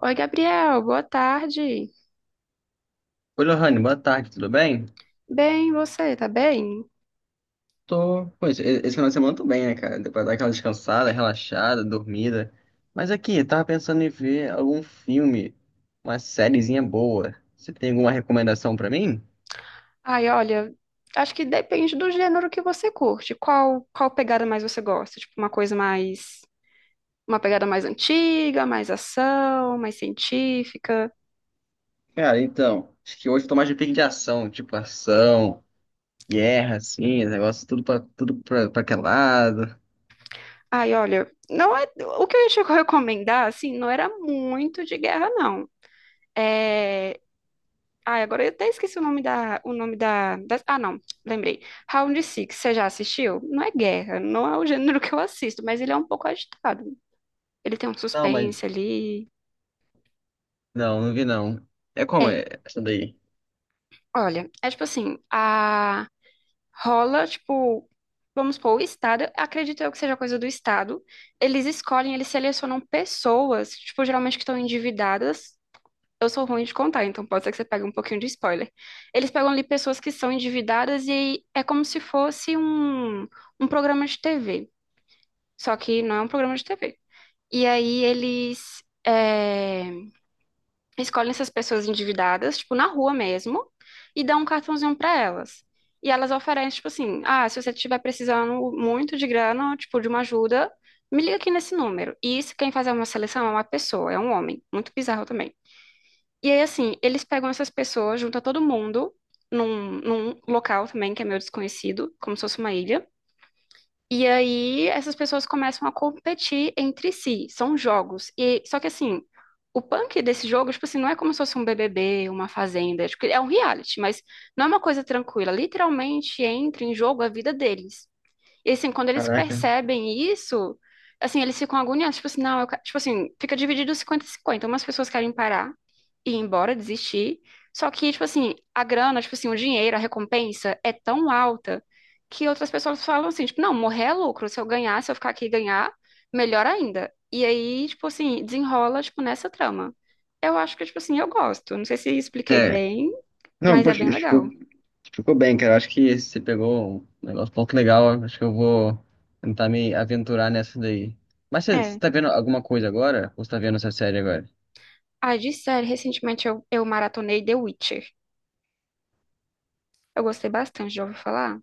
Oi, Gabriel, boa tarde. Oi, Lohane, boa tarde, tudo bem? Bem, você, tá bem? Tô, pois, esse final de semana eu tô bem, né, cara? Deu pra dar aquela descansada, relaxada, dormida. Mas aqui, eu tava pensando em ver algum filme, uma sériezinha boa. Você tem alguma recomendação pra mim? Ai, olha, acho que depende do gênero que você curte. Qual pegada mais você gosta? Tipo, uma pegada mais antiga, mais ação, mais científica. Cara, então, acho que hoje eu tô mais de pique de ação, tipo ação, guerra, assim, negócio tudo pra, pra aquele lado. Ai, olha, não é, o que eu ia te recomendar, assim, não era muito de guerra, não. É, ai, agora eu até esqueci o nome da, da- ah, não, lembrei. Round Six, você já assistiu? Não é guerra, não é o gênero que eu assisto, mas ele é um pouco agitado. Ele tem um Não, mas, suspense ali. não, vi não. É como É, é essa daí? olha, é tipo assim, a rola, tipo, vamos supor, o Estado, acredito eu que seja coisa do Estado. Eles escolhem, eles selecionam pessoas, tipo, geralmente que estão endividadas. Eu sou ruim de contar, então pode ser que você pegue um pouquinho de spoiler. Eles pegam ali pessoas que são endividadas e é como se fosse um programa de TV. Só que não é um programa de TV. E aí eles escolhem essas pessoas endividadas, tipo, na rua mesmo, e dão um cartãozinho pra elas. E elas oferecem, tipo assim, ah, se você estiver precisando muito de grana, tipo, de uma ajuda, me liga aqui nesse número. E isso, quem faz uma seleção é uma pessoa, é um homem. Muito bizarro também. E aí, assim, eles pegam essas pessoas, juntam todo mundo num local também que é meio desconhecido, como se fosse uma ilha. E aí essas pessoas começam a competir entre si, são jogos. E só que assim, o punk desse jogo, tipo assim, não é como se fosse um BBB, uma fazenda, é, tipo, é um reality, mas não é uma coisa tranquila. Literalmente entra em jogo a vida deles. E assim, quando eles Caraca. percebem isso, assim, eles ficam agoniados, tipo assim, não, eu, ca- tipo assim, fica dividido 50-50. Umas pessoas querem parar e ir embora, desistir. Só que, tipo assim, a grana, tipo assim, o dinheiro, a recompensa é tão alta que outras pessoas falam assim, tipo, não, morrer é lucro. Se eu ganhar, se eu ficar aqui e ganhar, melhor ainda. E aí, tipo assim, desenrola, tipo, nessa trama. Eu acho que, tipo assim, eu gosto. Não sei se expliquei É. bem, Não, mas é poxa, bem legal. ficou bem, cara. Eu acho que você pegou um negócio um pouco legal. Eu acho que eu vou tentar me aventurar nessa daí. Mas você É. tá vendo alguma coisa agora? Ou você tá vendo essa série agora? Ah, de série, recentemente eu maratonei The Witcher. Eu gostei bastante, já ouvi falar?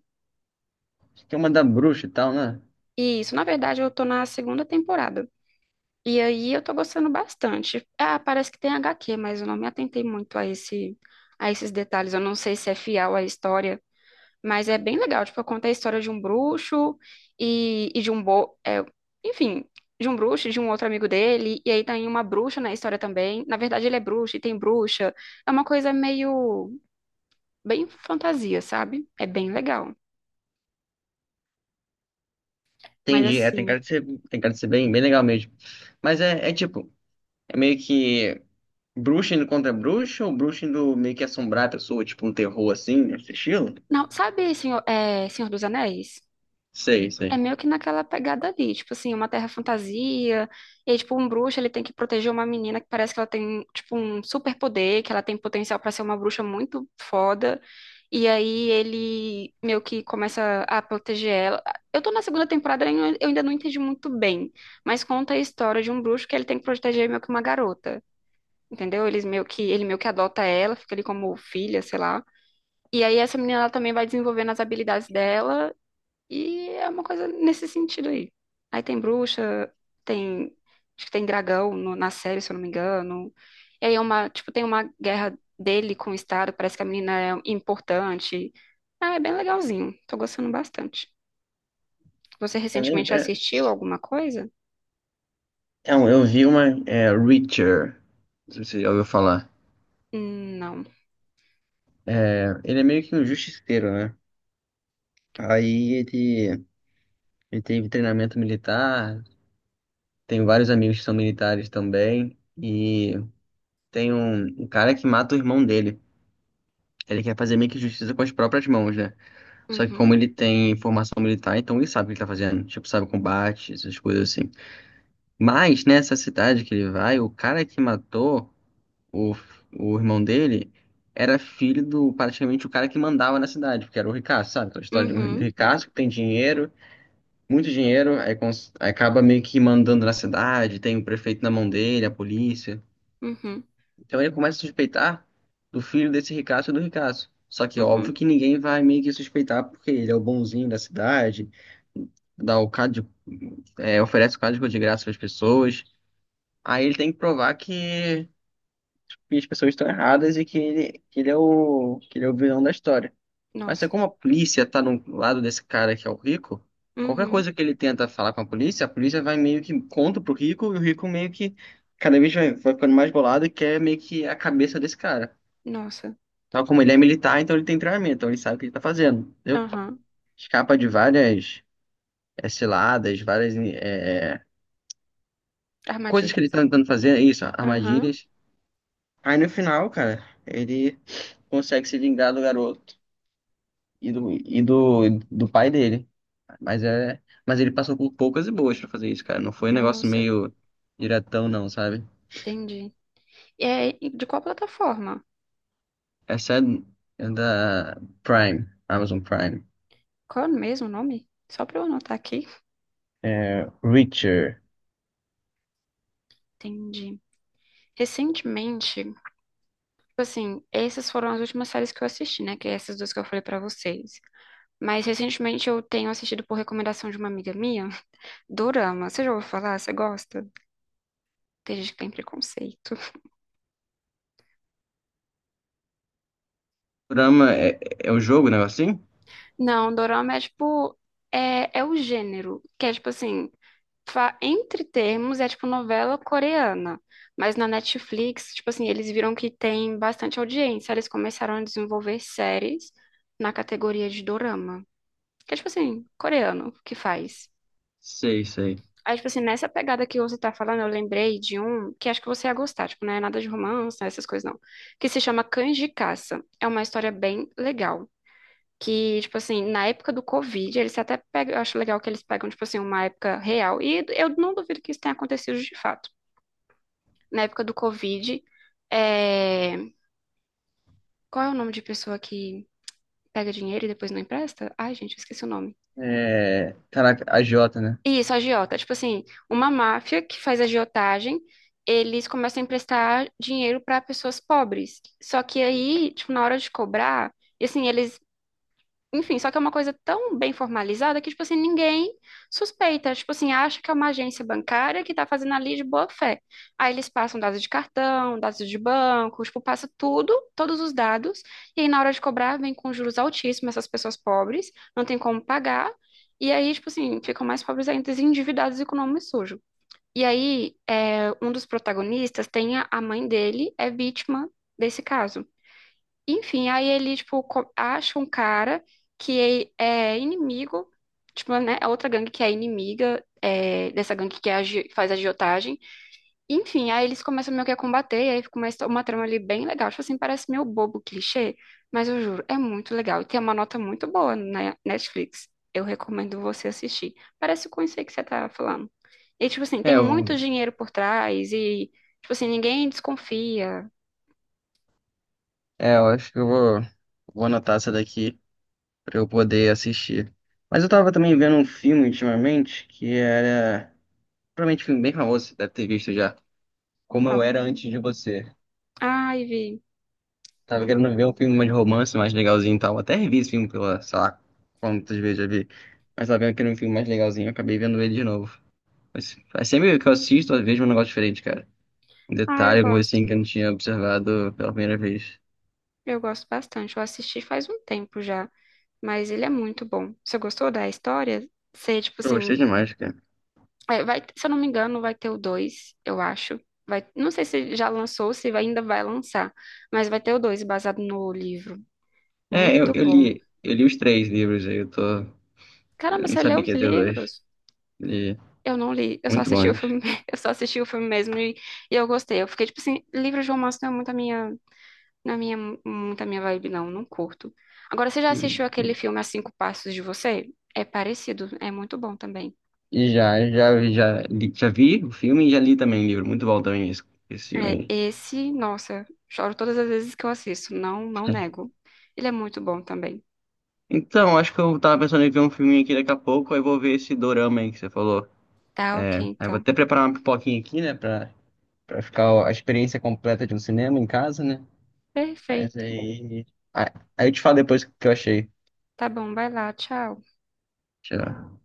Acho que é uma da bruxa e tal, né? Isso, na verdade, eu tô na segunda temporada. E aí eu tô gostando bastante. Ah, parece que tem HQ, mas eu não me atentei muito a esses detalhes. Eu não sei se é fiel à história, mas é bem legal. Tipo, conta a história de um bruxo e de um enfim, de um bruxo e de um outro amigo dele. E aí tem uma bruxa na história também. Na verdade, ele é bruxo e tem bruxa. É uma coisa meio... bem fantasia, sabe? É bem legal. Mas Entendi. É, tem assim... cara de ser, tem cara de ser bem, bem legal mesmo. Mas é, é tipo, é meio que bruxa indo contra bruxa ou bruxa indo meio que assombrar a pessoa, tipo um terror assim, nesse estilo? Não, sabe, senhor, é, Senhor dos Anéis? Sei, sei. É meio que naquela pegada ali, tipo assim, uma terra fantasia, e aí, tipo, um bruxo, ele tem que proteger uma menina que parece que ela tem, tipo, um superpoder, que ela tem potencial pra ser uma bruxa muito foda, e aí ele meio que começa a proteger ela. Eu tô na segunda temporada e eu ainda não entendi muito bem, mas conta a história de um bruxo que ele tem que proteger meio que uma garota, entendeu? Eles meio que, ele meio que adota ela, fica ali como filha, sei lá. E aí essa menina ela também vai desenvolvendo as habilidades dela e é uma coisa nesse sentido aí. Aí tem bruxa, tem acho que tem dragão na série, se eu não me engano. E aí é uma, tipo, tem uma guerra dele com o Estado, parece que a menina é importante. Ah, é bem legalzinho. Tô gostando bastante. Você É, meio- recentemente é, assistiu alguma coisa? Eu vi uma, é, Reacher. Não sei se você já ouviu falar. Não. Ele é meio que um justiceiro, né? Aí ele teve treinamento militar, tem vários amigos que são militares também, e tem um, um cara que mata o irmão dele. Ele quer fazer meio que justiça com as próprias mãos, né? Só que Uhum. como ele tem formação militar, então ele sabe o que ele tá fazendo. Tipo, sabe o combate, essas coisas assim. Mas nessa cidade que ele vai, o cara que matou o, o irmão dele era filho do praticamente o cara que mandava na cidade, porque era o ricaço, sabe? Aquela história de um Uhum. ricaço que tem dinheiro muito dinheiro, aí acaba meio que mandando na cidade, tem o prefeito na mão dele, a polícia. Uhum. Então ele começa a suspeitar do filho desse ricaço e do ricaço. Só que óbvio Uhum. que ninguém vai meio que suspeitar porque ele é o bonzinho da cidade, dá o cádio, é, oferece o código de graça para as pessoas. Aí ele tem que provar que as pessoas estão erradas e que ele é o, que ele é o vilão da história. Mas é Nossa. como a polícia tá no lado desse cara que é o rico, qualquer Uhum. coisa que ele tenta falar com a polícia vai meio que contra pro rico e o rico meio que cada vez vai, vai ficando mais bolado e quer meio que a cabeça desse cara. Nossa. Tal como ele é militar, então ele tem treinamento, então ele sabe o que ele tá fazendo, entendeu? Aham. Escapa de várias ciladas, várias coisas que ele Armadilhas. tá tentando fazer, é isso, Aham. armadilhas. Aí no final, cara, ele consegue se vingar do garoto e do do pai dele. Mas é, mas ele passou com poucas e boas pra fazer isso, cara. Não foi um negócio Nossa. meio diretão, não, sabe? Entendi. É, e de qual plataforma? Essa é, é da Prime, Amazon Prime. Qual é mesmo o nome? Só pra eu anotar aqui. É, Reacher. Entendi. Recentemente, tipo assim, essas foram as últimas séries que eu assisti, né? Que é essas duas que eu falei pra vocês. Mas recentemente eu tenho assistido por recomendação de uma amiga minha, Dorama. Você já ouviu falar? Você gosta? Tem gente que tem preconceito. Programa é, é o jogo, né? Assim? Não, Dorama é tipo. É, é o gênero, que é tipo assim. Entre termos, é tipo novela coreana. Mas na Netflix, tipo assim, eles viram que tem bastante audiência. Eles começaram a desenvolver séries na categoria de dorama. Que é tipo assim, coreano que faz. Sei, sei. Aí, tipo assim, nessa pegada que você tá falando, eu lembrei de um que acho que você ia gostar. Tipo, não é nada de romance, né, essas coisas não. Que se chama Cães de Caça. É uma história bem legal. Que, tipo assim, na época do Covid, eles até pegam, eu acho legal que eles pegam, tipo assim, uma época real. E eu não duvido que isso tenha acontecido de fato. Na época do Covid. É... Qual é o nome de pessoa que pega dinheiro e depois não empresta? Ai, gente, eu esqueci o nome. É, caraca, a Jota, né? Isso, agiota. Tipo assim, uma máfia que faz agiotagem, eles começam a emprestar dinheiro para pessoas pobres. Só que aí, tipo, na hora de cobrar, e assim, eles enfim, só que é uma coisa tão bem formalizada que, tipo assim, ninguém suspeita. Tipo assim, acha que é uma agência bancária que tá fazendo ali de boa fé. Aí eles passam dados de cartão, dados de banco, tipo, passa tudo, todos os dados. E aí, na hora de cobrar, vem com juros altíssimos essas pessoas pobres, não tem como pagar. E aí, tipo assim, ficam mais pobres ainda, endividados e com o nome sujo. E aí, é, um dos protagonistas tem a mãe dele, é vítima desse caso. Enfim, aí ele, tipo, acha um cara que é inimigo, tipo, né, a outra gangue que é inimiga é, dessa gangue que faz agiotagem. Enfim, aí eles começam meio que a combater, e aí fica uma uma trama ali bem legal. Tipo assim, parece meio bobo, clichê, mas eu juro, é muito legal. E tem uma nota muito boa na Netflix. Eu recomendo você assistir. Parece com isso aí que você tá falando. E, tipo assim, É, tem muito eu, dinheiro por trás e, tipo assim, ninguém desconfia. é, eu acho que eu vou, vou anotar essa daqui pra eu poder assistir. Mas eu tava também vendo um filme ultimamente que era. Provavelmente um filme bem famoso, você deve ter visto já. Como Ó. eu era antes de você. Ai, vi. Tava querendo ver um filme mais de romance, mais legalzinho e tal. Até revi esse filme pela, sei lá, quantas vezes já vi. Mas tava vendo que era um filme mais legalzinho, eu acabei vendo ele de novo. Mas sempre que eu assisto, eu vejo um negócio diferente, cara. Um Ah, detalhe, eu alguma coisa assim que gosto. eu não tinha observado pela primeira vez. Eu gosto bastante. Eu assisti faz um tempo já, mas ele é muito bom. Você gostou da história? Você, tipo Eu assim, gostei demais, cara. é, vai, se eu não me engano, vai ter o dois, eu acho. Vai, não sei se já lançou, se vai- ainda vai lançar, mas vai ter o 2 baseado no livro. Muito bom. Eu li os 3 livros aí, eu tô. Eu Caramba, não você leu sabia que os ia ter dois. livros? Li Eu não li, eu só muito assisti o bons. filme, eu só assisti o filme mesmo, e eu gostei. Eu fiquei tipo assim, livro de romance não é muito a minha não é minha, muita minha vibe, não, não curto. Agora, você já assistiu aquele filme A 5 Passos de Você? É parecido, é muito bom também. E já, li, já vi o filme e já li também o livro. Muito bom também esse É, filme esse, nossa, choro todas as vezes que eu assisto, não, não aí. nego. Ele é muito bom também. Então, acho que eu tava pensando em ver um filminho aqui daqui a pouco, aí vou ver esse dorama aí que você falou. Tá É, ok, aí eu vou então. até preparar uma pipoquinha aqui, né, pra, pra ficar ó, a experiência completa de um cinema em casa, né? Mas Perfeito. aí. Aí aí eu te falo depois o que eu achei. Tá bom, vai lá, tchau. Tchau.